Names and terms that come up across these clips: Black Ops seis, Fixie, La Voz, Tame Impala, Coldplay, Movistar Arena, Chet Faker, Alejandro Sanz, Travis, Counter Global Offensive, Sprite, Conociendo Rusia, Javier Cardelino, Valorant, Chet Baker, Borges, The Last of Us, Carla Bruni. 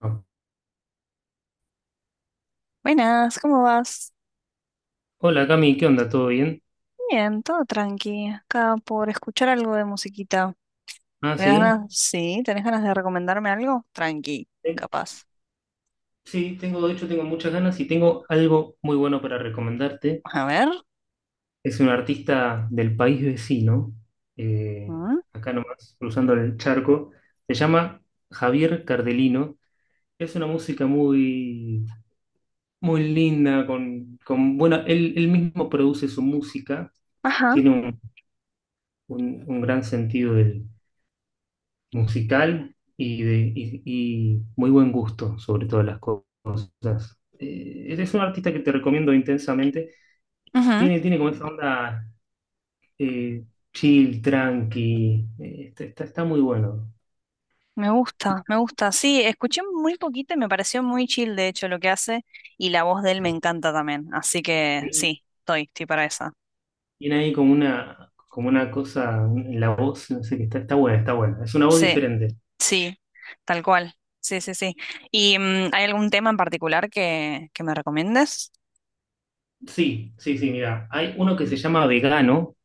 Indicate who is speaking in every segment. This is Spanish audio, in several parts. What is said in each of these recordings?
Speaker 1: Ah.
Speaker 2: Buenas, ¿cómo vas?
Speaker 1: Hola Cami, ¿qué onda? ¿Todo bien?
Speaker 2: Bien, todo tranqui. Acá por escuchar algo de musiquita.
Speaker 1: Ah,
Speaker 2: ¿Tenés
Speaker 1: sí.
Speaker 2: ganas? Sí, ¿tenés ganas de recomendarme algo? Tranqui,
Speaker 1: Eh,
Speaker 2: capaz.
Speaker 1: Sí, tengo, de hecho tengo muchas ganas y tengo algo muy bueno para recomendarte.
Speaker 2: A ver.
Speaker 1: Es un artista del país vecino, eh,
Speaker 2: ¿Mm?
Speaker 1: acá nomás, cruzando el charco. Se llama Javier Cardelino. Es una música muy, muy linda, con bueno, él mismo produce su música,
Speaker 2: Ajá.
Speaker 1: tiene un, un gran sentido del musical y, de, y muy buen gusto sobre todas las cosas. Es un artista que te recomiendo intensamente.
Speaker 2: Ujú.
Speaker 1: Tiene, tiene como esa onda eh, chill, tranqui. Está muy bueno.
Speaker 2: Me gusta, me gusta. Sí, escuché muy poquito y me pareció muy chill, de hecho, lo que hace. Y la voz de él me
Speaker 1: Sí.
Speaker 2: encanta también. Así que
Speaker 1: Y
Speaker 2: sí, estoy para esa.
Speaker 1: tiene ahí como una cosa en la voz, no sé, que está, está buena, está buena. Es una voz
Speaker 2: Sí,
Speaker 1: diferente.
Speaker 2: sí, tal cual. Sí, sí, sí. ¿Y hay algún tema en particular que me recomiendes?
Speaker 1: Sí, sí, sí, mira. Hay uno que se llama Vegano,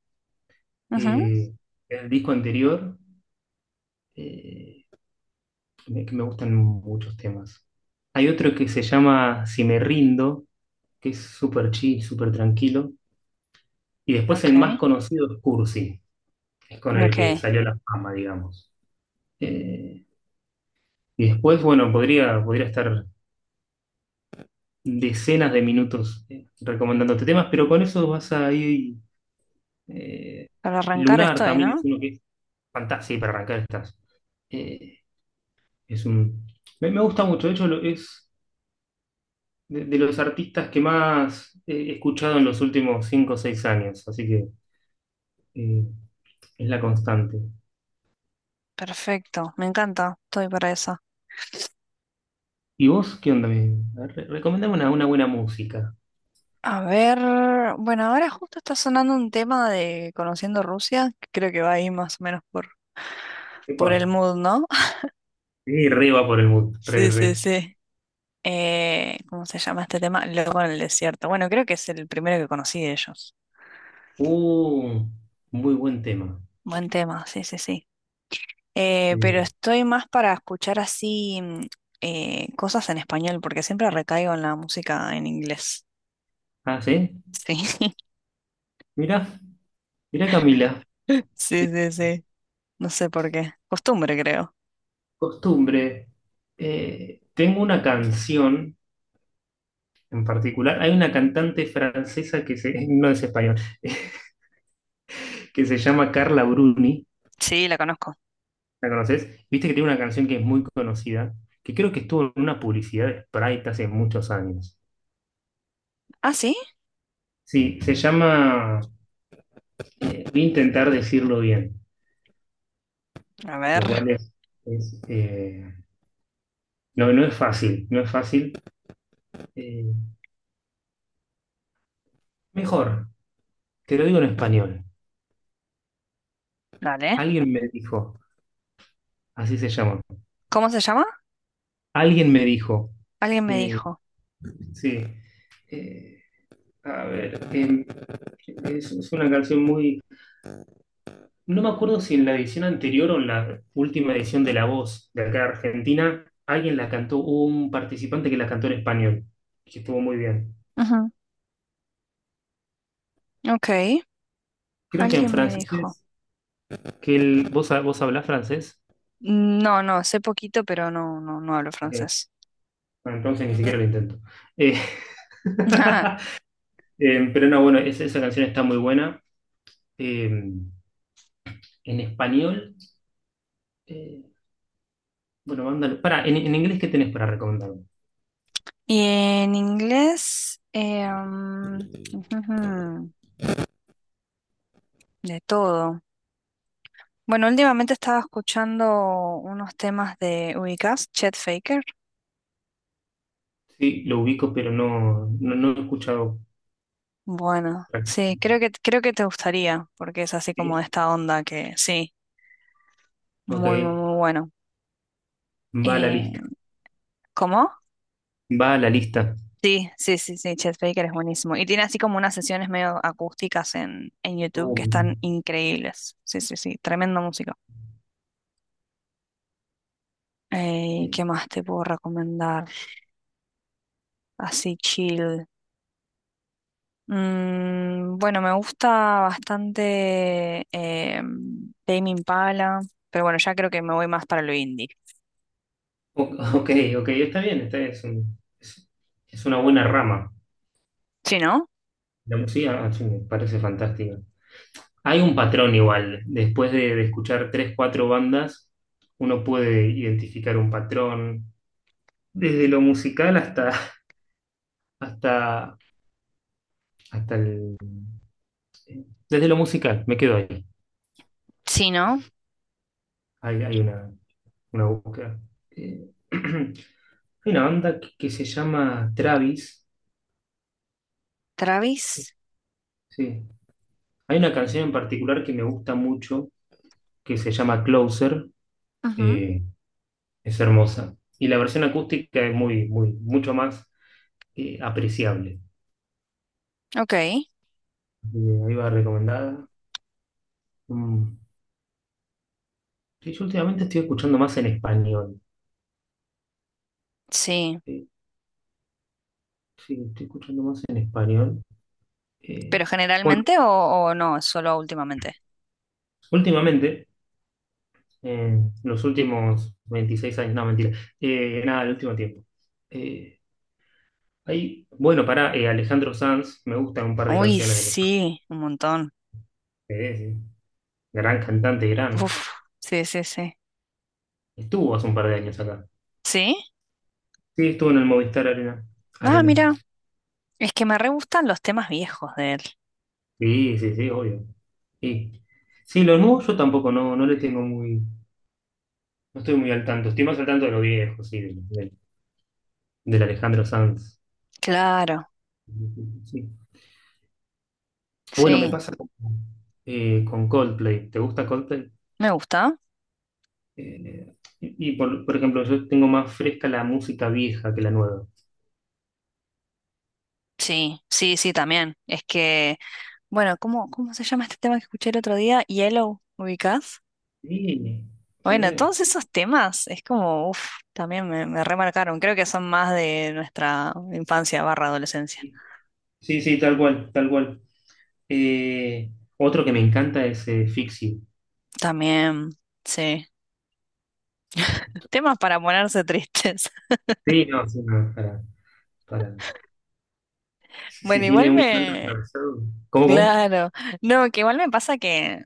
Speaker 2: Ujú.
Speaker 1: eh, en el disco anterior, eh, que me gustan muchos temas. Hay otro que se llama Si me rindo, que es súper chill, súper tranquilo. Y después el
Speaker 2: Ok,
Speaker 1: más conocido es Cursi, que es con el que
Speaker 2: ok.
Speaker 1: salió la fama, digamos. Eh, y después, bueno, podría estar decenas de minutos recomendándote temas, pero con eso vas a ir... eh,
Speaker 2: Para arrancar
Speaker 1: Lunar
Speaker 2: estoy,
Speaker 1: también es
Speaker 2: ¿no?
Speaker 1: uno que es fantástico para arrancar estas. eh, es un, me gusta mucho, de hecho es de los artistas que más he escuchado en los últimos 5 o 6 años, así que eh, es la constante.
Speaker 2: Perfecto, me encanta, estoy para esa.
Speaker 1: ¿Y vos qué onda? Me, a ver, recomendame una buena música.
Speaker 2: A ver, bueno, ahora justo está sonando un tema de Conociendo Rusia, que creo que va ahí más o menos
Speaker 1: Epa,
Speaker 2: por el mood, ¿no?
Speaker 1: sí, re va por el mood, re,
Speaker 2: Sí, sí,
Speaker 1: re.
Speaker 2: sí. ¿Cómo se llama este tema? Loco en el desierto. Bueno, creo que es el primero que conocí de ellos.
Speaker 1: Uh, muy buen tema.
Speaker 2: Buen tema, sí, sí, sí. Pero
Speaker 1: Eh,
Speaker 2: estoy más para escuchar así cosas en español, porque siempre recaigo en la música en inglés.
Speaker 1: ah, ¿sí?
Speaker 2: Sí,
Speaker 1: Mira, mira Camila,
Speaker 2: sí,
Speaker 1: eh,
Speaker 2: sí, sí. No sé por qué. Costumbre, creo.
Speaker 1: costumbre. Tengo una canción en particular, hay una cantante francesa que se, no es español, que se llama Carla Bruni,
Speaker 2: Sí, la conozco.
Speaker 1: ¿la conoces? Viste que tiene una canción que es muy conocida, que creo que estuvo en una publicidad de Sprite hace muchos años.
Speaker 2: Ah, sí.
Speaker 1: Sí, se llama, voy a intentar decirlo bien.
Speaker 2: A ver,
Speaker 1: Lo cual es, no, no es fácil, no es fácil. Eh, Mejor, te lo digo en español.
Speaker 2: dale.
Speaker 1: Alguien me dijo, así se llama,
Speaker 2: ¿Cómo se llama?
Speaker 1: alguien me dijo,
Speaker 2: Alguien me
Speaker 1: eh,
Speaker 2: dijo.
Speaker 1: sí, eh, a ver, es una canción muy... No me acuerdo si en la edición anterior o en la última edición de La Voz de acá de Argentina, alguien la cantó, hubo un participante que la cantó en español, que estuvo muy bien.
Speaker 2: Ujú. Ok,
Speaker 1: Creo que en
Speaker 2: alguien me
Speaker 1: francés,
Speaker 2: dijo.
Speaker 1: ¿vos, vos hablás francés?
Speaker 2: No, no, sé poquito, pero no, no, no hablo
Speaker 1: Ok.
Speaker 2: francés.
Speaker 1: Bueno, entonces ni siquiera lo intento. Eh, eh, pero no, bueno, esa canción está muy buena. Eh, en español, eh, bueno, mándalo Para, en inglés, ¿qué tenés para recomendarme?
Speaker 2: Y en inglés, ujujú, de todo. Bueno, últimamente estaba escuchando unos temas de, ¿ubicás? Chet Faker.
Speaker 1: Sí, lo ubico, pero no, no, no lo he escuchado
Speaker 2: Bueno, sí,
Speaker 1: prácticamente.
Speaker 2: creo que te gustaría, porque es así como de
Speaker 1: ¿Sí?
Speaker 2: esta onda que sí.
Speaker 1: Ok,
Speaker 2: Muy, muy, muy bueno.
Speaker 1: va a la lista.
Speaker 2: Eh, ¿Cómo?
Speaker 1: Va a la lista.
Speaker 2: Sí, sí, sí, sí, Chet Baker es buenísimo. Y tiene así como unas sesiones medio acústicas en YouTube
Speaker 1: Oh,
Speaker 2: que
Speaker 1: me encanta.
Speaker 2: están increíbles. Sí, sí, sí, tremenda música.
Speaker 1: Eh,
Speaker 2: ¿Qué más te puedo recomendar? Así chill. Bueno, me gusta bastante Tame Impala, pero bueno, ya creo que me voy más para lo indie.
Speaker 1: o- ok, ok, está bien, Es, es una buena rama.
Speaker 2: ¿Sí, no?
Speaker 1: La música, ah, sí, me parece fantástica. Hay un patrón igual. Después de escuchar tres, cuatro bandas, uno puede identificar un patrón. Desde lo musical hasta, hasta, hasta el... Desde lo musical, me quedo ahí.
Speaker 2: Sí, ¿no?
Speaker 1: Hay una búsqueda. Hay una banda que se llama Travis.
Speaker 2: Travis.
Speaker 1: Sí. Hay una canción en particular que me gusta mucho, que se llama Closer.
Speaker 2: Ujú.
Speaker 1: Eh, es hermosa. Y la versión acústica es muy, muy, mucho más apreciable.
Speaker 2: Ok,
Speaker 1: Ahí va recomendada. Mm. Sí, yo últimamente estoy escuchando más en español.
Speaker 2: sí.
Speaker 1: Sí, sí, estoy escuchando más en español.
Speaker 2: ¿Pero
Speaker 1: Eh, bueno,
Speaker 2: generalmente o no? Solo últimamente.
Speaker 1: últimamente, eh, los últimos 26 años, no, mentira. Nada, el último tiempo. Eh, Hay, bueno, para Alejandro Sanz, me gustan un par de
Speaker 2: Uy,
Speaker 1: canciones de Alejandro.
Speaker 2: sí, un montón.
Speaker 1: Sí. Gran cantante, gran.
Speaker 2: Uf, sí, sí, sí.
Speaker 1: Estuvo hace un par de años acá.
Speaker 2: ¿Sí?
Speaker 1: Sí, estuvo en el Movistar Arena.
Speaker 2: Ah,
Speaker 1: Arena.
Speaker 2: mira, es que me re gustan los temas viejos de él.
Speaker 1: Sí, sí, sí, obvio. Sí, sí, lo nuevo yo tampoco no, no le tengo muy. No estoy muy al tanto, estoy más al tanto de lo viejo, sí, del Alejandro Sanz.
Speaker 2: Claro,
Speaker 1: Sí. Bueno, me
Speaker 2: sí.
Speaker 1: pasa con Coldplay. ¿Te gusta Coldplay?
Speaker 2: ¿Me gusta?
Speaker 1: Y por ejemplo, yo tengo más fresca la música vieja que la nueva.
Speaker 2: Sí, sí, sí, también. Es que, bueno, ¿cómo, cómo se llama este tema que escuché el otro día? Yellow, ¿ubicás?
Speaker 1: Sí,
Speaker 2: Bueno,
Speaker 1: sí,
Speaker 2: todos esos temas es como, uff, también me remarcaron. Creo que son más de nuestra infancia barra adolescencia.
Speaker 1: sí, Sí, sí, tal cual, tal cual. Eh, Otro que me encanta es Fixie.
Speaker 2: También, sí. Temas para ponerse tristes.
Speaker 1: Sí, no, sí, no, para, para. Si, si
Speaker 2: Bueno,
Speaker 1: tiene
Speaker 2: igual
Speaker 1: un llanto
Speaker 2: me...
Speaker 1: atravesado. ¿Cómo,
Speaker 2: Claro. No, que igual me pasa que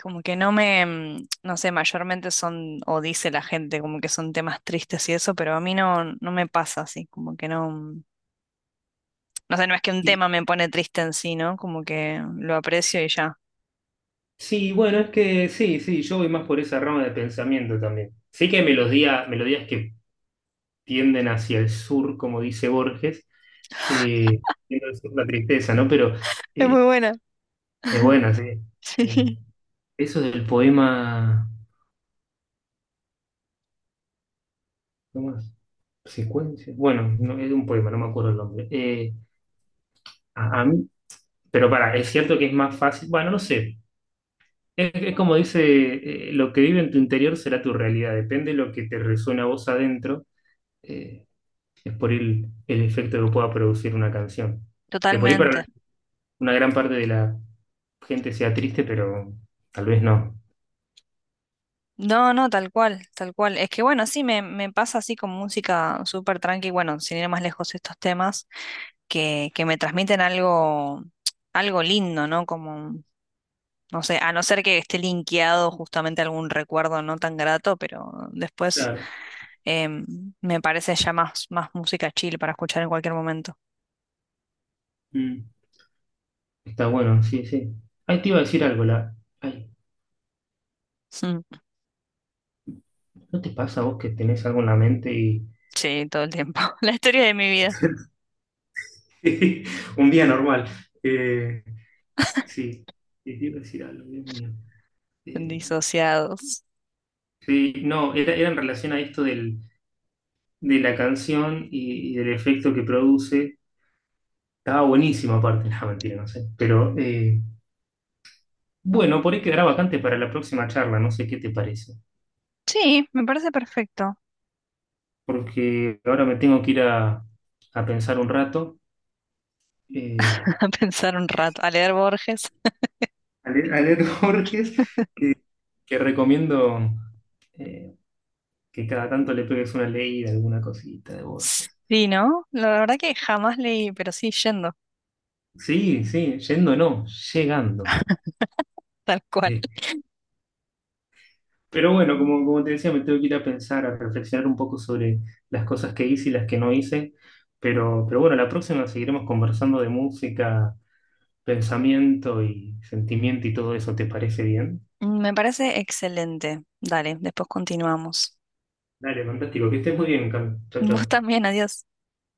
Speaker 2: como que no me... No sé, mayormente son, o dice la gente, como que son temas tristes y eso, pero a mí no, no me pasa así, como que no... No sé, no es que un
Speaker 1: cómo?
Speaker 2: tema me pone triste en sí, ¿no? Como que lo aprecio y ya.
Speaker 1: Sí, bueno, es que sí, sí, yo voy más por esa rama de pensamiento también. Sí que hay melodía, melodías que tienden hacia el sur, como dice Borges, eh, tienden al sur la tristeza, ¿no? Pero
Speaker 2: Es
Speaker 1: eh,
Speaker 2: muy buena.
Speaker 1: es buena, sí. Eh,
Speaker 2: Sí.
Speaker 1: Eso del poema, ¿cómo es? Secuencia. Bueno, no, es de un poema, no me acuerdo el nombre. A, a mí, pero para, es cierto que es más fácil, bueno, no sé. Es como dice, lo que vive en tu interior será tu realidad, depende de lo que te resuena a vos adentro. eh, Es por el efecto que pueda producir una canción. Que por ahí para
Speaker 2: Totalmente.
Speaker 1: una gran parte de la gente sea triste, pero tal vez no.
Speaker 2: No, no, tal cual, tal cual. Es que bueno, sí, me pasa así con música súper tranqui, bueno, sin ir más lejos estos temas. Que me transmiten algo, algo lindo, ¿no? Como, no sé, a no ser que esté linkeado justamente a algún recuerdo no tan grato, pero después
Speaker 1: Claro.
Speaker 2: em, me parece ya más, más música chill para escuchar en cualquier momento.
Speaker 1: Mm. Está bueno, sí, sí. Ahí te iba a decir algo, la... Ay,
Speaker 2: Mm.
Speaker 1: ¿no te pasa a vos que tenés algo en la mente y...
Speaker 2: Sí, todo el tiempo. La historia de mi vida.
Speaker 1: Un día normal. Eh, sí, Sí, te iba a decir algo, Dios mío. Eh,
Speaker 2: Disociados.
Speaker 1: sí, no, era, era en relación a esto del, de la canción y del efecto que produce. Estaba buenísimo aparte, no, mentira, no sé. Pero bueno, por ahí quedará vacante para la próxima charla, no sé qué te parece,
Speaker 2: Sí, me parece perfecto.
Speaker 1: porque ahora me tengo que ir a pensar un rato, eh,
Speaker 2: A pensar un rato, a leer Borges.
Speaker 1: a leer Borges, que recomiendo eh, que cada tanto le pegues una leída, alguna cosita de Borges.
Speaker 2: Sí, ¿no? La verdad que jamás leí, pero sí yendo,
Speaker 1: Sí, sí, yendo no, llegando.
Speaker 2: tal cual.
Speaker 1: Eh, pero bueno, como, como te decía, me tengo que ir a pensar, a reflexionar un poco sobre las cosas que hice y las que no hice, pero bueno, la próxima seguiremos conversando de música pensamiento y sentimiento y todo eso, ¿te parece bien?
Speaker 2: Me parece excelente. Dale, después continuamos.
Speaker 1: Dale, fantástico, que estés muy bien, Cam. Chao,
Speaker 2: Vos
Speaker 1: chao.
Speaker 2: también, adiós.